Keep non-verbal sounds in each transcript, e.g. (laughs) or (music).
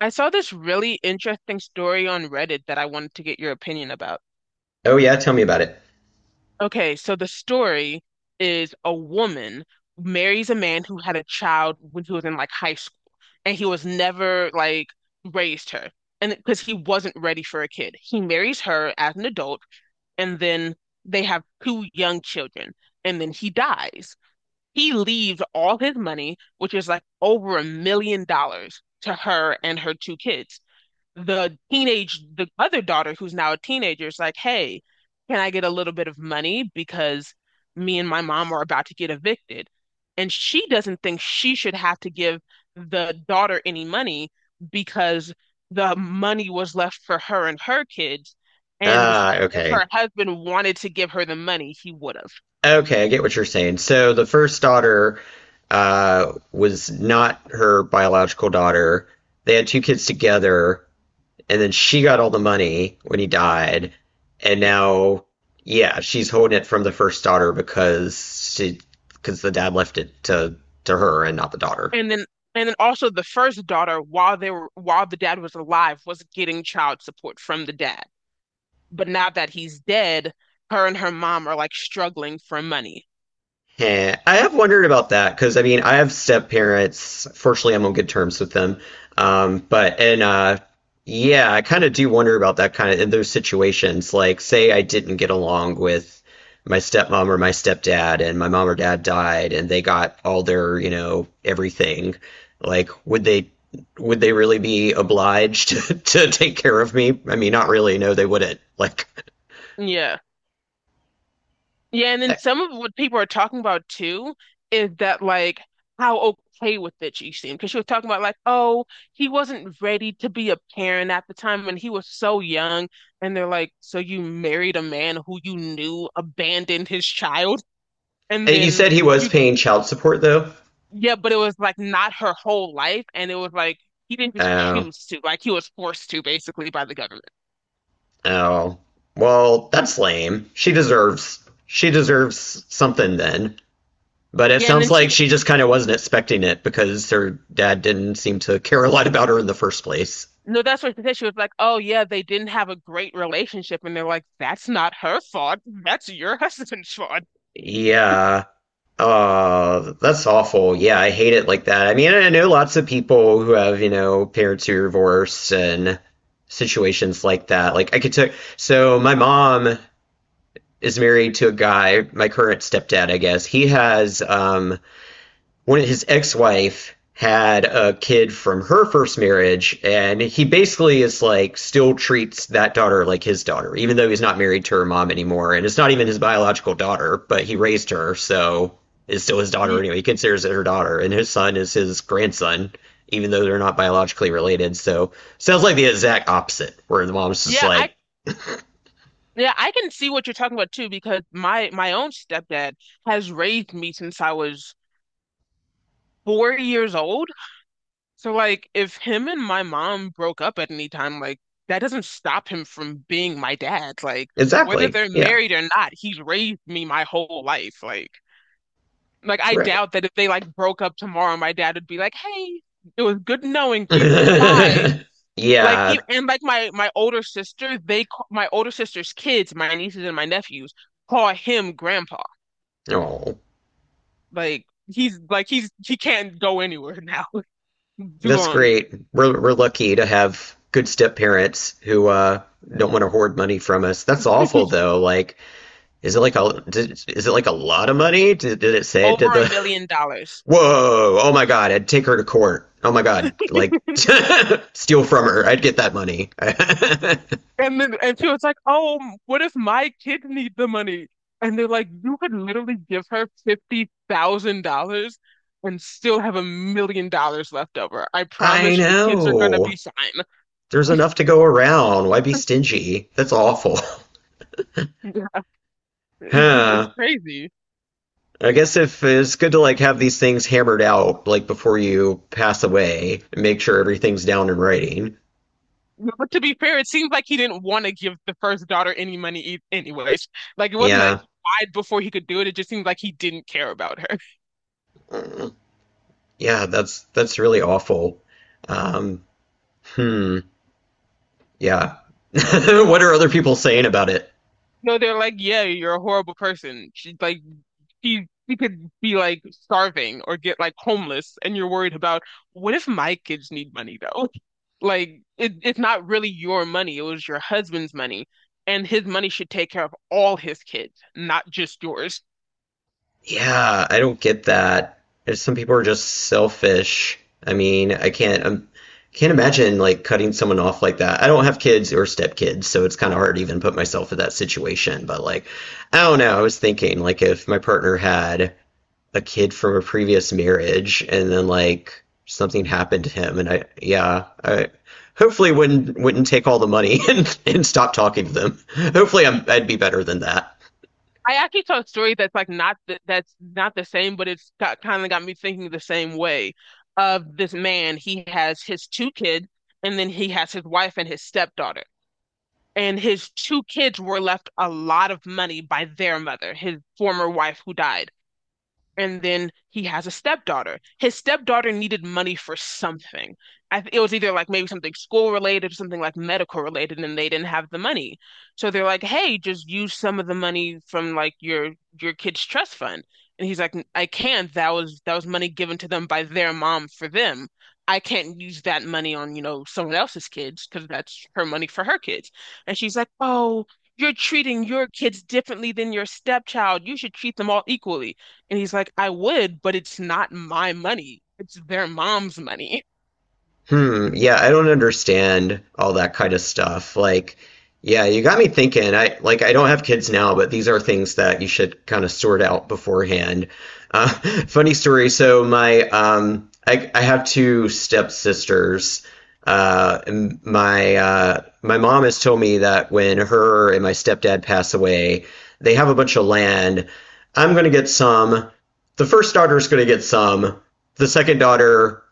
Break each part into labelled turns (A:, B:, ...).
A: I saw this really interesting story on Reddit that I wanted to get your opinion about.
B: Oh yeah, tell me about it.
A: Okay, so the story is a woman marries a man who had a child when he was in like high school, and he was never like raised her, and because he wasn't ready for a kid, he marries her as an adult, and then they have two young children, and then he dies. He leaves all his money, which is like over $1 million, to her and her two kids. The other daughter who's now a teenager is like, hey, can I get a little bit of money because me and my mom are about to get evicted? And she doesn't think she should have to give the daughter any money because the money was left for her and her kids. And she,
B: Ah,
A: if
B: okay.
A: her husband wanted to give her the money, he would have.
B: Okay, I get what you're saying. So the first daughter was not her biological daughter. They had two kids together, and then she got all the money when he died, and
A: Yes.
B: now yeah, she's holding it from the first daughter because the dad left it to her and not the daughter.
A: And then and then also the first daughter, while they were while the dad was alive, was getting child support from the dad. But now that he's dead, her and her mom are like struggling for money.
B: Yeah, I have wondered about that because I mean, I have step parents. Fortunately, I'm on good terms with them. But and Yeah, I kind of do wonder about that kind of in those situations. Like, say I didn't get along with my stepmom or my stepdad, and my mom or dad died, and they got all their everything. Like, would they really be obliged (laughs) to take care of me? I mean, not really. No, they wouldn't. Like,
A: Yeah. Yeah, and
B: (laughs)
A: then
B: and
A: some of what people are talking about too is that like how okay with it she seemed, because she was talking about like, oh, he wasn't ready to be a parent at the time when he was so young, and they're like, so you married a man who you knew abandoned his child, and
B: you
A: then
B: said he was
A: you,
B: paying child support though.
A: yeah, but it was like not her whole life, and it was like he didn't just
B: Oh.
A: choose to, like he was forced to basically by the government.
B: Oh, well, that's lame. She deserves something then. But it
A: Yeah, and then
B: sounds
A: she
B: like she just kind of wasn't expecting it because her dad didn't seem to care a lot about her in the first place.
A: No, that's what she said. She was like, "Oh yeah, they didn't have a great relationship," and they're like, "That's not her fault. That's your (laughs) husband's fault."
B: Yeah. That's awful. Yeah, I hate it like that. I mean, I know lots of people who have parents who are divorced and situations like that. Like I could take so my mom is married to a guy, my current stepdad, I guess. He has one of his ex-wife had a kid from her first marriage, and he basically is like still treats that daughter like his daughter, even though he's not married to her mom anymore, and it's not even his biological daughter, but he raised her, so is still his daughter.
A: Yeah,
B: Anyway, he considers it her daughter, and his son is his grandson, even though they're not biologically related. So sounds like the exact opposite, where the mom's just
A: yeah, I
B: like
A: yeah, I can see what you're talking about too because my own stepdad has raised me since I was 4 years old. So like, if him and my mom broke up at any time, like that doesn't stop him from being my dad. Like whether
B: exactly.
A: they're
B: Yeah,
A: married or not, he's raised me my whole life. Like I
B: right.
A: doubt that if they like broke up tomorrow, my dad would be like, "Hey, it was good knowing you. Bye."
B: (laughs)
A: Like e-
B: Yeah.
A: and like my older sister, my older sister's kids, my nieces and my nephews, call him grandpa.
B: Oh.
A: Like he can't go anywhere now (laughs) too
B: That's
A: long.
B: great. We're lucky to have good step parents who don't want to hoard money from us. That's awful though. Like, is it like a lot of money? Did it say it? Did
A: Over a
B: the
A: million dollars.
B: (laughs) Whoa? Oh my God! I'd take her to court. Oh my God! Like (laughs) steal from her. I'd get that money. (laughs)
A: And she was like, " What if my kid need the money?" And they're like, "You could literally give her $50,000 and still have $1 million left over. I
B: I
A: promise your kids are gonna be
B: know.
A: fine."
B: There's enough to go around. Why be
A: (laughs)
B: stingy? That's awful.
A: Yeah, it's
B: (laughs) Huh.
A: crazy.
B: I guess if it's good to like have these things hammered out like before you pass away and make sure everything's down in writing.
A: But to be fair, it seems like he didn't want to give the first daughter any money e anyways. Like it wasn't like
B: Yeah.
A: he died before he could do it. It just seems like he didn't care about her. (laughs)
B: Mm, yeah, that's really awful. Um, hmm. Yeah. (laughs) What are other people saying about it?
A: No, they're like, yeah, you're a horrible person. She she could be like starving or get like homeless, and you're worried about what if my kids need money though? (laughs) Like it's not really your money; it was your husband's money, and his money should take care of all his kids, not just yours.
B: Yeah, I don't get that. There's some people are just selfish. I mean, I can't imagine like cutting someone off like that. I don't have kids or stepkids, so it's kind of hard to even put myself in that situation. But like, I don't know. I was thinking like if my partner had a kid from a previous marriage and then like something happened to him, and I hopefully wouldn't take all the money (laughs) and stop talking to them. Hopefully, I'd be better than that.
A: I actually saw a story that's like not the, that's not the same, but it's got kind of got me thinking the same way. Of this man, he has his two kids, and then he has his wife and his stepdaughter. And his two kids were left a lot of money by their mother, his former wife who died. And then he has a stepdaughter. His stepdaughter needed money for something. I th It was either like maybe something school related or something like medical related, and they didn't have the money. So they're like, "Hey, just use some of the money from like your kid's trust fund." And he's like, "I can't. That was money given to them by their mom for them. I can't use that money on, you know, someone else's kids because that's her money for her kids." And she's like, "Oh, you're treating your kids differently than your stepchild. You should treat them all equally." And he's like, I would, but it's not my money. It's their mom's money.
B: Hmm, yeah, I don't understand all that kind of stuff. Like, yeah, you got me thinking. I don't have kids now, but these are things that you should kind of sort out beforehand. Uh, (laughs) Funny story. So my I have two stepsisters. And my mom has told me that when her and my stepdad pass away, they have a bunch of land. I'm gonna get some. The first daughter's gonna get some. The second daughter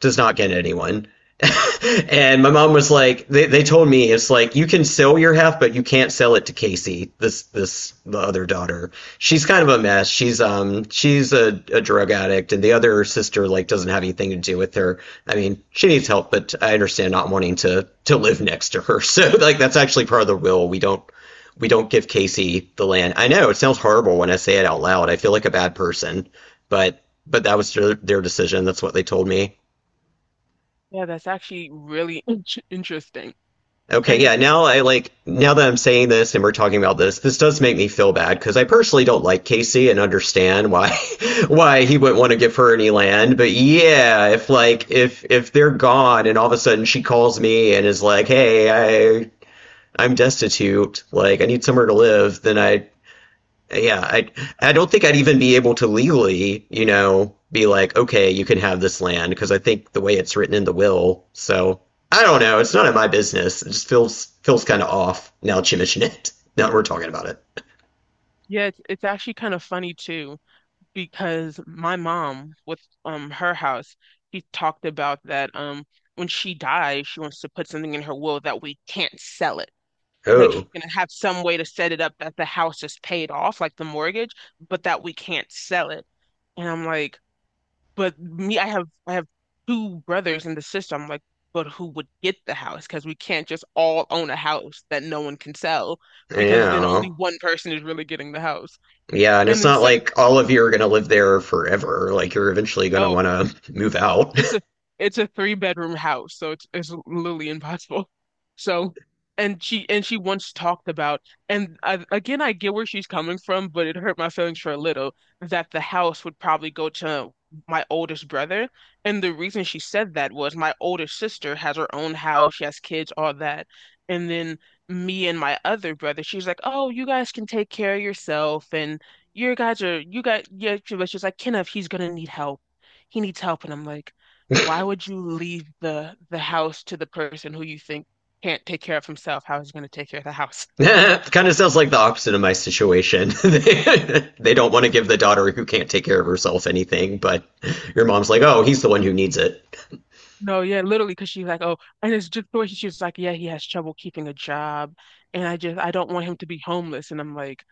B: does not get anyone. (laughs) And my mom was like, they told me it's like you can sell your half, but you can't sell it to Casey, this the other daughter. She's kind of a mess. She's a drug addict, and the other sister like doesn't have anything to do with her. I mean, she needs help, but I understand not wanting to live next to her. (laughs) So like that's actually part of the will. We don't give Casey the land. I know it sounds horrible when I say it out loud. I feel like a bad person, but that was their decision. That's what they told me.
A: Yeah, that's actually really in interesting.
B: Okay,
A: And it,
B: yeah, now that I'm saying this and we're talking about this, this does make me feel bad because I personally don't like Casey and understand why (laughs) why he wouldn't want to give her any land. But yeah, if if they're gone and all of a sudden she calls me and is like, "Hey, I'm destitute, like I need somewhere to live," then yeah, I I don't think I'd even be able to legally, be like, okay, you can have this land because I think the way it's written in the will. So I don't know. It's none of my business. It just feels kind of off now that you mention it. (laughs) Now that we're talking about it.
A: yeah, it's actually kind of funny too, because my mom with her house, she talked about that when she dies, she wants to put something in her will that we can't sell it. Like
B: Oh,
A: she's gonna have some way to set it up that the house is paid off, like the mortgage, but that we can't sell it. And I'm like, But me, I have two brothers in the system. Like, but who would get the house? Because we can't just all own a house that no one can sell, because then
B: yeah,
A: only one person is really getting the house.
B: yeah, and
A: And
B: it's
A: then
B: not
A: some
B: like all of you are gonna live there forever. Like you're eventually gonna
A: No,
B: want to (laughs) move out.
A: it's a it's a three-bedroom house, so it's literally impossible. So, and she once talked about, and I, again, I get where she's coming from, but it hurt my feelings for a little that the house would probably go to my oldest brother. And the reason she said that was my older sister has her own house, she has kids, all that. And then me and my other brother, she's like, "Oh, you guys can take care of yourself, and your guys are you guys." Yeah, she was just like, "Kenneth, he's gonna need help. He needs help." And I'm like why would you leave the house to the person who you think can't take care of himself? How is he going to take care of the house?
B: (laughs) Kind of sounds like the opposite of my situation. (laughs) They don't want to give the daughter who can't take care of herself anything, but your mom's like, oh, he's the one who needs it.
A: No, yeah, literally, because she's like, oh, and it's just the way she was like, yeah, he has trouble keeping a job, and I don't want him to be homeless. And I'm like,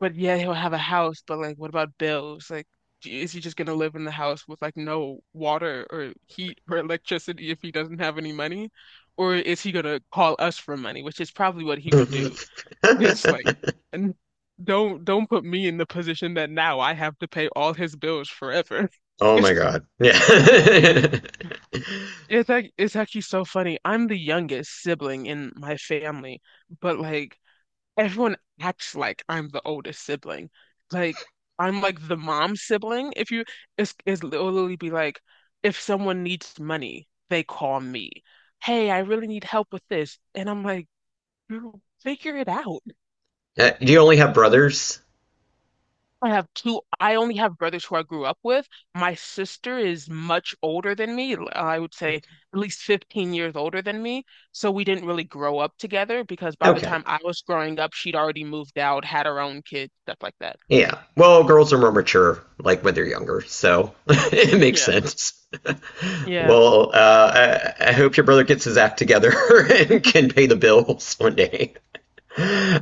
A: but yeah, he'll have a house, but like, what about bills? Like, is he just going to live in the house with like no water or heat or electricity if he doesn't have any money? Or is he going to call us for money, which is probably what he would do. It's like,
B: (laughs)
A: and don't put me in the position that now I have to pay all his bills forever. (laughs)
B: Oh my
A: It's
B: god. Yeah. (laughs)
A: it's actually so funny. I'm the youngest sibling in my family, but like everyone acts like I'm the oldest sibling. Like I'm like the mom sibling. If you It's literally be like if someone needs money, they call me. Hey, I really need help with this. And I'm like, you figure it out.
B: Do you only have brothers?
A: I have two. I only have brothers who I grew up with. My sister is much older than me. I would say
B: Okay.
A: at least 15 years older than me. So we didn't really grow up together because by the
B: Okay.
A: time I was growing up, she'd already moved out, had her own kids, stuff like that.
B: Yeah. Well, girls are more mature, like when they're younger, so (laughs) it makes
A: Yeah.
B: sense. (laughs)
A: Yeah.
B: Well, I hope your brother gets his act together (laughs) and
A: (laughs)
B: can pay the bills one day. (laughs)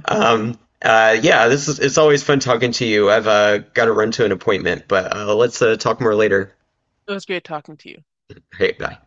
B: Yeah, this is it's always fun talking to you. I've got to run to an appointment, but let's talk more later.
A: It was great talking to you.
B: Hey, bye.